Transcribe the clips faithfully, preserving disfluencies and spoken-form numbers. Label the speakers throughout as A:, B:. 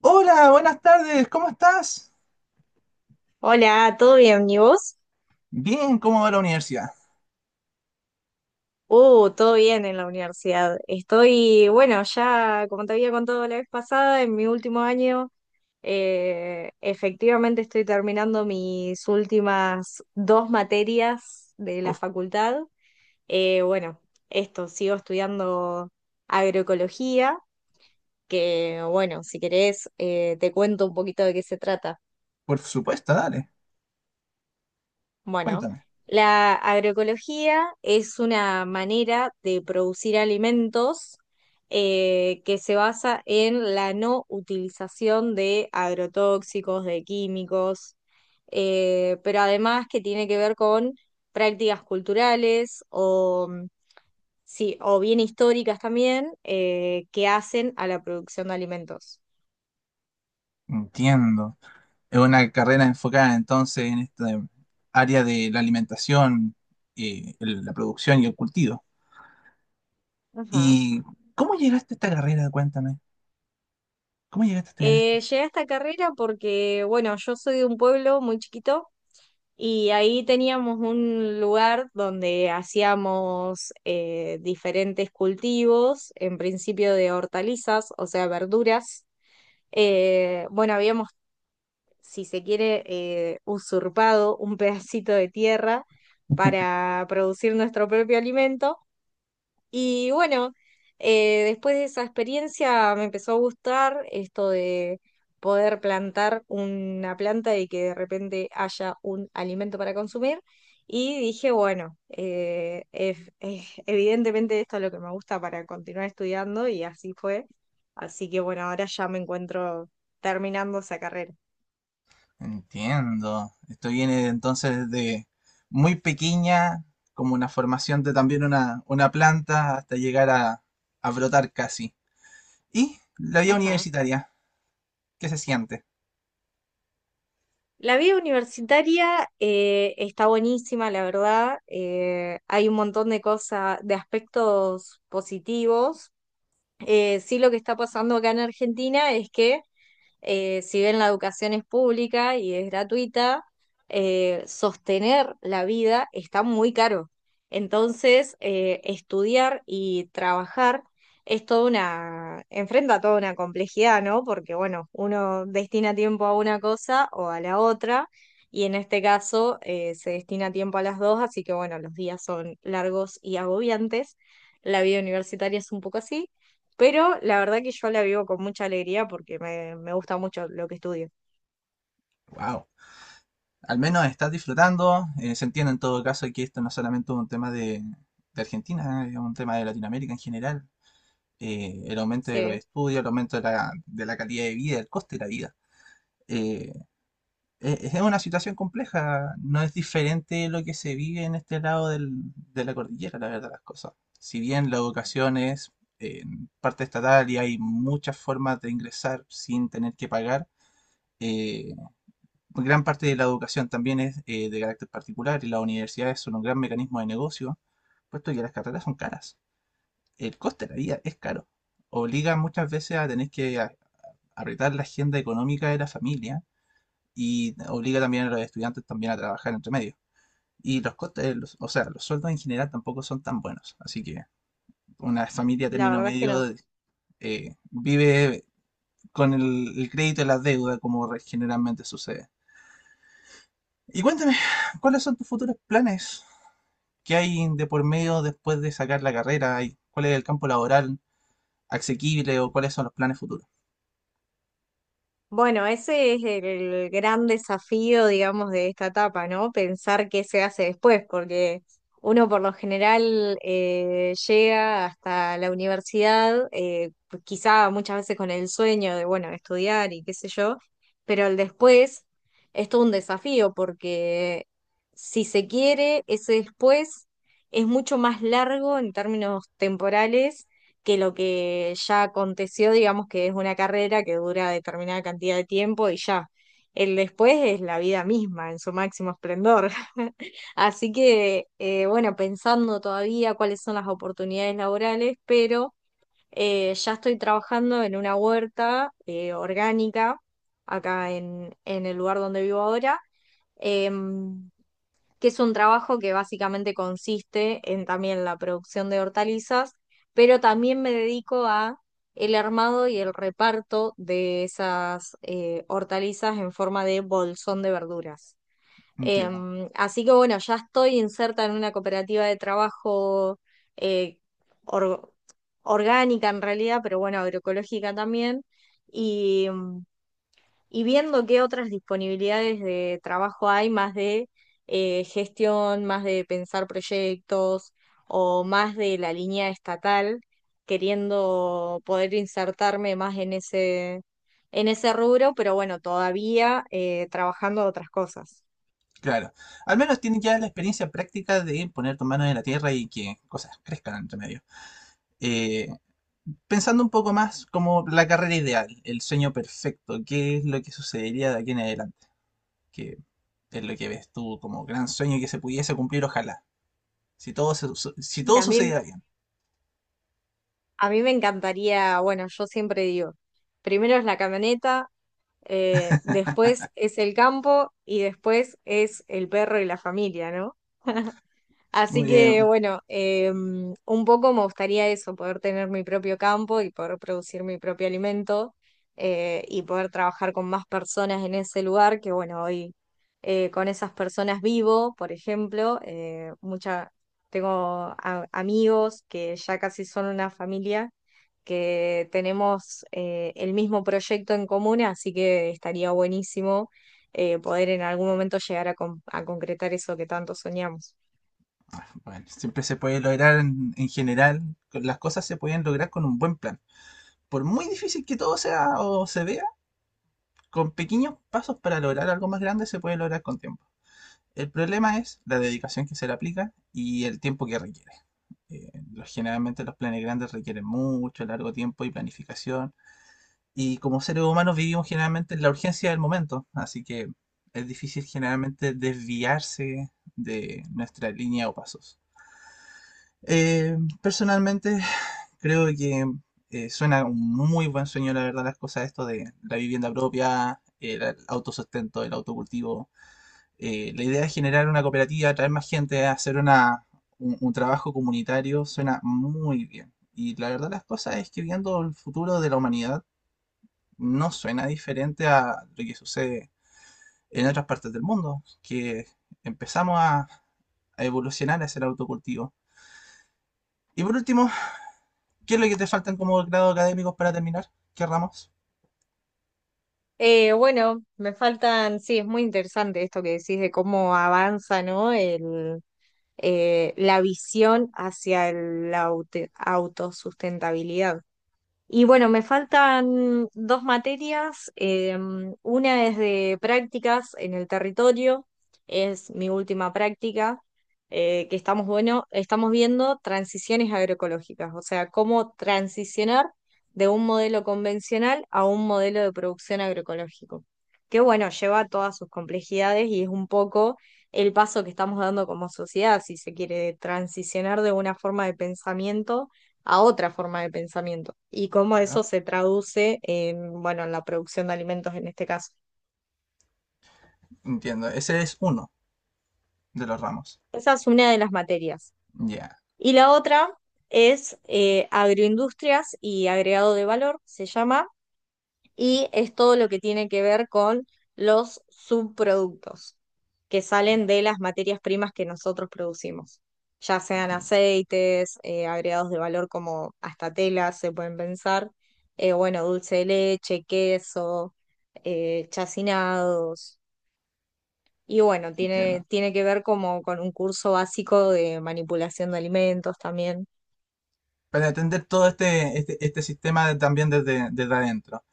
A: Hola, buenas tardes, ¿cómo estás?
B: Hola, ¿todo bien? ¿Y vos?
A: Bien, ¿cómo va la universidad?
B: Uh, todo bien en la universidad. Estoy, bueno, ya como te había contado la vez pasada, en mi último año, eh, efectivamente estoy terminando mis últimas dos materias de la
A: Uf,
B: facultad. Eh, bueno, esto, Sigo estudiando agroecología, que bueno, si querés, eh, te cuento un poquito de qué se trata.
A: por supuesto, dale,
B: Bueno,
A: cuéntame.
B: la agroecología es una manera de producir alimentos eh, que se basa en la no utilización de agrotóxicos, de químicos, eh, pero además que tiene que ver con prácticas culturales o, mm, sí, o bien históricas también eh, que hacen a la producción de alimentos.
A: Entiendo. Es una carrera enfocada entonces en esta área de la alimentación, eh, el- la producción y el cultivo.
B: Ajá.
A: ¿Y cómo llegaste a esta carrera? Cuéntame. ¿Cómo llegaste a estudiar esto?
B: Eh, llegué a esta carrera porque, bueno, yo soy de un pueblo muy chiquito y ahí teníamos un lugar donde hacíamos eh, diferentes cultivos, en principio de hortalizas, o sea, verduras. Eh, bueno, Habíamos, si se quiere, eh, usurpado un pedacito de tierra para producir nuestro propio alimento. Y bueno, eh, después de esa experiencia me empezó a gustar esto de poder plantar una planta y que de repente haya un alimento para consumir. Y dije, bueno, eh, ef- eh, evidentemente esto es lo que me gusta para continuar estudiando y así fue. Así que bueno, ahora ya me encuentro terminando esa carrera.
A: Entiendo. Esto viene entonces de muy pequeña, como una formación de también una, una planta, hasta llegar a, a brotar casi. Y la vida
B: Ajá.
A: universitaria, ¿qué se siente?
B: La vida universitaria eh, está buenísima, la verdad. Eh, hay un montón de cosas, de aspectos positivos. Eh, sí, lo que está pasando acá en Argentina es que, eh, si bien la educación es pública y es gratuita, eh, sostener la vida está muy caro. Entonces, eh, estudiar y trabajar es toda una, enfrenta toda una complejidad, ¿no? Porque, bueno, uno destina tiempo a una cosa o a la otra, y en este caso eh, se destina tiempo a las dos, así que, bueno, los días son largos y agobiantes. La vida universitaria es un poco así. Pero la verdad que yo la vivo con mucha alegría porque me, me gusta mucho lo que estudio.
A: Wow. Al menos estás disfrutando. Eh, se entiende en todo caso que esto no es solamente un tema de, de Argentina, es un tema de Latinoamérica en general. Eh, el aumento de los
B: Sí,
A: estudios, el aumento de la, de la calidad de vida, el coste de la vida. Eh, eh, es una situación compleja, no es diferente lo que se vive en este lado del- de la cordillera, la verdad, las cosas. Si bien la educación es eh, parte estatal y hay muchas formas de ingresar sin tener que pagar, eh, gran parte de la educación también es eh, de carácter particular y las universidades son un gran mecanismo de negocio, puesto que las carreras son caras. El coste de la vida es caro. Obliga muchas veces a tener que a- apretar la agenda económica de la familia y obliga también a los estudiantes también a trabajar entre medio. Y los costes, los- o sea, los sueldos en general tampoco son tan buenos. Así que una familia
B: la
A: término
B: verdad es que no.
A: medio eh, vive con el, el crédito y la deuda como re- generalmente sucede. Y cuéntame, ¿cuáles son tus futuros planes? ¿Qué hay de por medio después de sacar la carrera? ¿Y ¿Cuál es el campo laboral asequible o cuáles son los planes futuros?
B: Bueno, ese es el gran desafío, digamos, de esta etapa, ¿no? Pensar qué se hace después, porque uno por lo general eh, llega hasta la universidad, eh, pues quizá muchas veces con el sueño de, bueno, estudiar y qué sé yo, pero el después es todo un desafío, porque si se quiere, ese después es mucho más largo en términos temporales que lo que ya aconteció, digamos que es una carrera que dura determinada cantidad de tiempo y ya. El después es la vida misma en su máximo esplendor. Así que, eh, bueno, pensando todavía cuáles son las oportunidades laborales, pero eh, ya estoy trabajando en una huerta eh, orgánica acá en, en el lugar donde vivo ahora. Em, que es un trabajo que básicamente consiste en también la producción de hortalizas, pero también me dedico a el armado y el reparto de esas eh, hortalizas en forma de bolsón de verduras.
A: Entiendo,
B: Em, así que bueno, ya estoy inserta en una cooperativa de trabajo eh, or- orgánica en realidad, pero bueno, agroecológica también. Y em, y viendo qué otras disponibilidades de trabajo hay, más de eh, gestión, más de pensar proyectos o más de la línea estatal, queriendo poder insertarme más en ese, en ese rubro, pero bueno, todavía eh, trabajando de otras cosas.
A: claro. Al menos tienes ya la experiencia práctica de poner tus manos en la tierra y que cosas crezcan entre medio. Eh, pensando un poco más como la carrera ideal, el sueño perfecto, qué es lo que sucedería de aquí en adelante, que es lo que ves tú como gran sueño que se pudiese cumplir, ojalá. Si todo, se- su- si
B: Y
A: todo
B: a mí,
A: sucediera bien.
B: a mí me encantaría, bueno, yo siempre digo, primero es la camioneta. Eh, después es el campo y después es el perro y la familia, ¿no? Así
A: Muy
B: que
A: bien.
B: bueno, eh, un poco me gustaría eso, poder tener mi propio campo y poder producir mi propio alimento eh, y poder trabajar con más personas en ese lugar, que bueno, hoy eh, con esas personas vivo, por ejemplo, eh, mucha, tengo a- amigos que ya casi son una familia, que tenemos eh, el mismo proyecto en común, así que estaría buenísimo eh, poder en algún momento llegar a con- a concretar eso que tanto soñamos.
A: Bueno, siempre se puede lograr en, en general. con- Las cosas se pueden lograr con un buen plan. Por muy difícil que todo sea o se vea, con pequeños pasos para lograr algo más grande se puede lograr con tiempo. El problema es la dedicación que se le aplica y el tiempo que requiere. Eh, los- generalmente los planes grandes requieren mucho, largo tiempo y planificación. Y como seres humanos vivimos generalmente en la urgencia del momento, así que es difícil generalmente desviarse de nuestra línea o pasos. Eh, personalmente creo que eh, suena un muy buen sueño, la verdad, las cosas, esto de la vivienda propia, el autosustento, el autocultivo. Eh, la idea es generar una cooperativa, atraer más gente, hacer una, un, un trabajo comunitario, suena muy bien. Y la verdad las cosas es que viendo el futuro de la humanidad no suena diferente a lo que sucede en otras partes del mundo, que empezamos a, a evolucionar hacia el autocultivo. Y por último, ¿qué es lo que te faltan como grado académicos para terminar? ¿Qué ramos?
B: Eh, bueno, me faltan, sí, es muy interesante esto que decís de cómo avanza, ¿no? El, eh, la visión hacia el- la aut- autosustentabilidad. Y bueno, me faltan dos materias. Eh, una es de prácticas en el territorio, es mi última práctica, eh, que estamos, bueno, estamos viendo transiciones agroecológicas, o sea, cómo transicionar de un modelo convencional a un modelo de producción agroecológico. Que bueno, lleva todas sus complejidades y es un poco el paso que estamos dando como sociedad, si se quiere, de transicionar de una forma de pensamiento a otra forma de pensamiento y cómo
A: Claro,
B: eso se traduce en, bueno, en la producción de alimentos en este caso.
A: entiendo. Ese es uno de los ramos.
B: Esa es una de las materias.
A: Ya,
B: Y la otra es eh, agroindustrias y agregado de valor, se llama. Y es todo lo que tiene que ver con los subproductos que salen de las materias primas que nosotros producimos, ya sean
A: entiendo,
B: aceites, eh, agregados de valor como hasta telas se pueden pensar, eh, bueno, dulce de leche, queso, eh, chacinados, y bueno,
A: entiendo.
B: tiene, tiene que ver como con un curso básico de manipulación de alimentos también.
A: para atender todo este, este, este sistema de- también desde, desde adentro.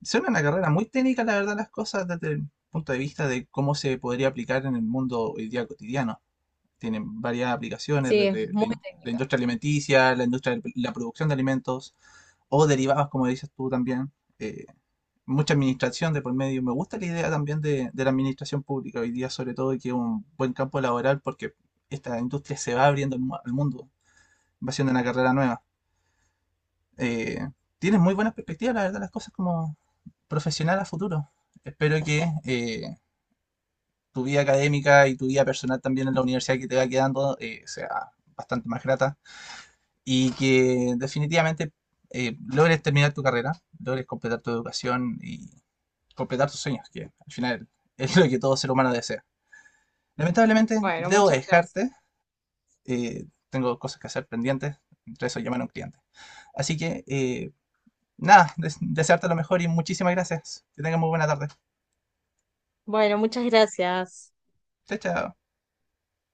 A: Es una carrera muy técnica, la verdad, las cosas desde el punto de vista de cómo se podría aplicar en el mundo hoy día cotidiano. Tienen varias aplicaciones
B: Sí, es
A: desde la,
B: muy
A: in- la
B: técnica.
A: industria alimenticia, la industria de la producción de alimentos o derivados, como dices tú también. eh, Mucha administración de por medio. Me gusta la idea también de, de la administración pública hoy día, sobre todo, y que es un buen campo laboral porque esta industria se va abriendo al mu- al mundo, va siendo una carrera nueva. eh, Tienes muy buenas perspectivas, la verdad, las cosas como profesional a futuro. Espero que eh, tu vida académica y tu vida personal también en la universidad que te va quedando eh, sea bastante más grata y que definitivamente eh, logres terminar tu carrera, logres completar tu educación y completar tus sueños, que al final es lo que todo ser humano desea. Lamentablemente,
B: Bueno,
A: debo
B: muchas gracias.
A: dejarte, eh, tengo cosas que hacer pendientes, entre eso llamar a un cliente. Así que eh, nada, des- desearte lo mejor y muchísimas gracias. Que tengas muy buena tarde.
B: Bueno, muchas gracias.
A: Chao, chao.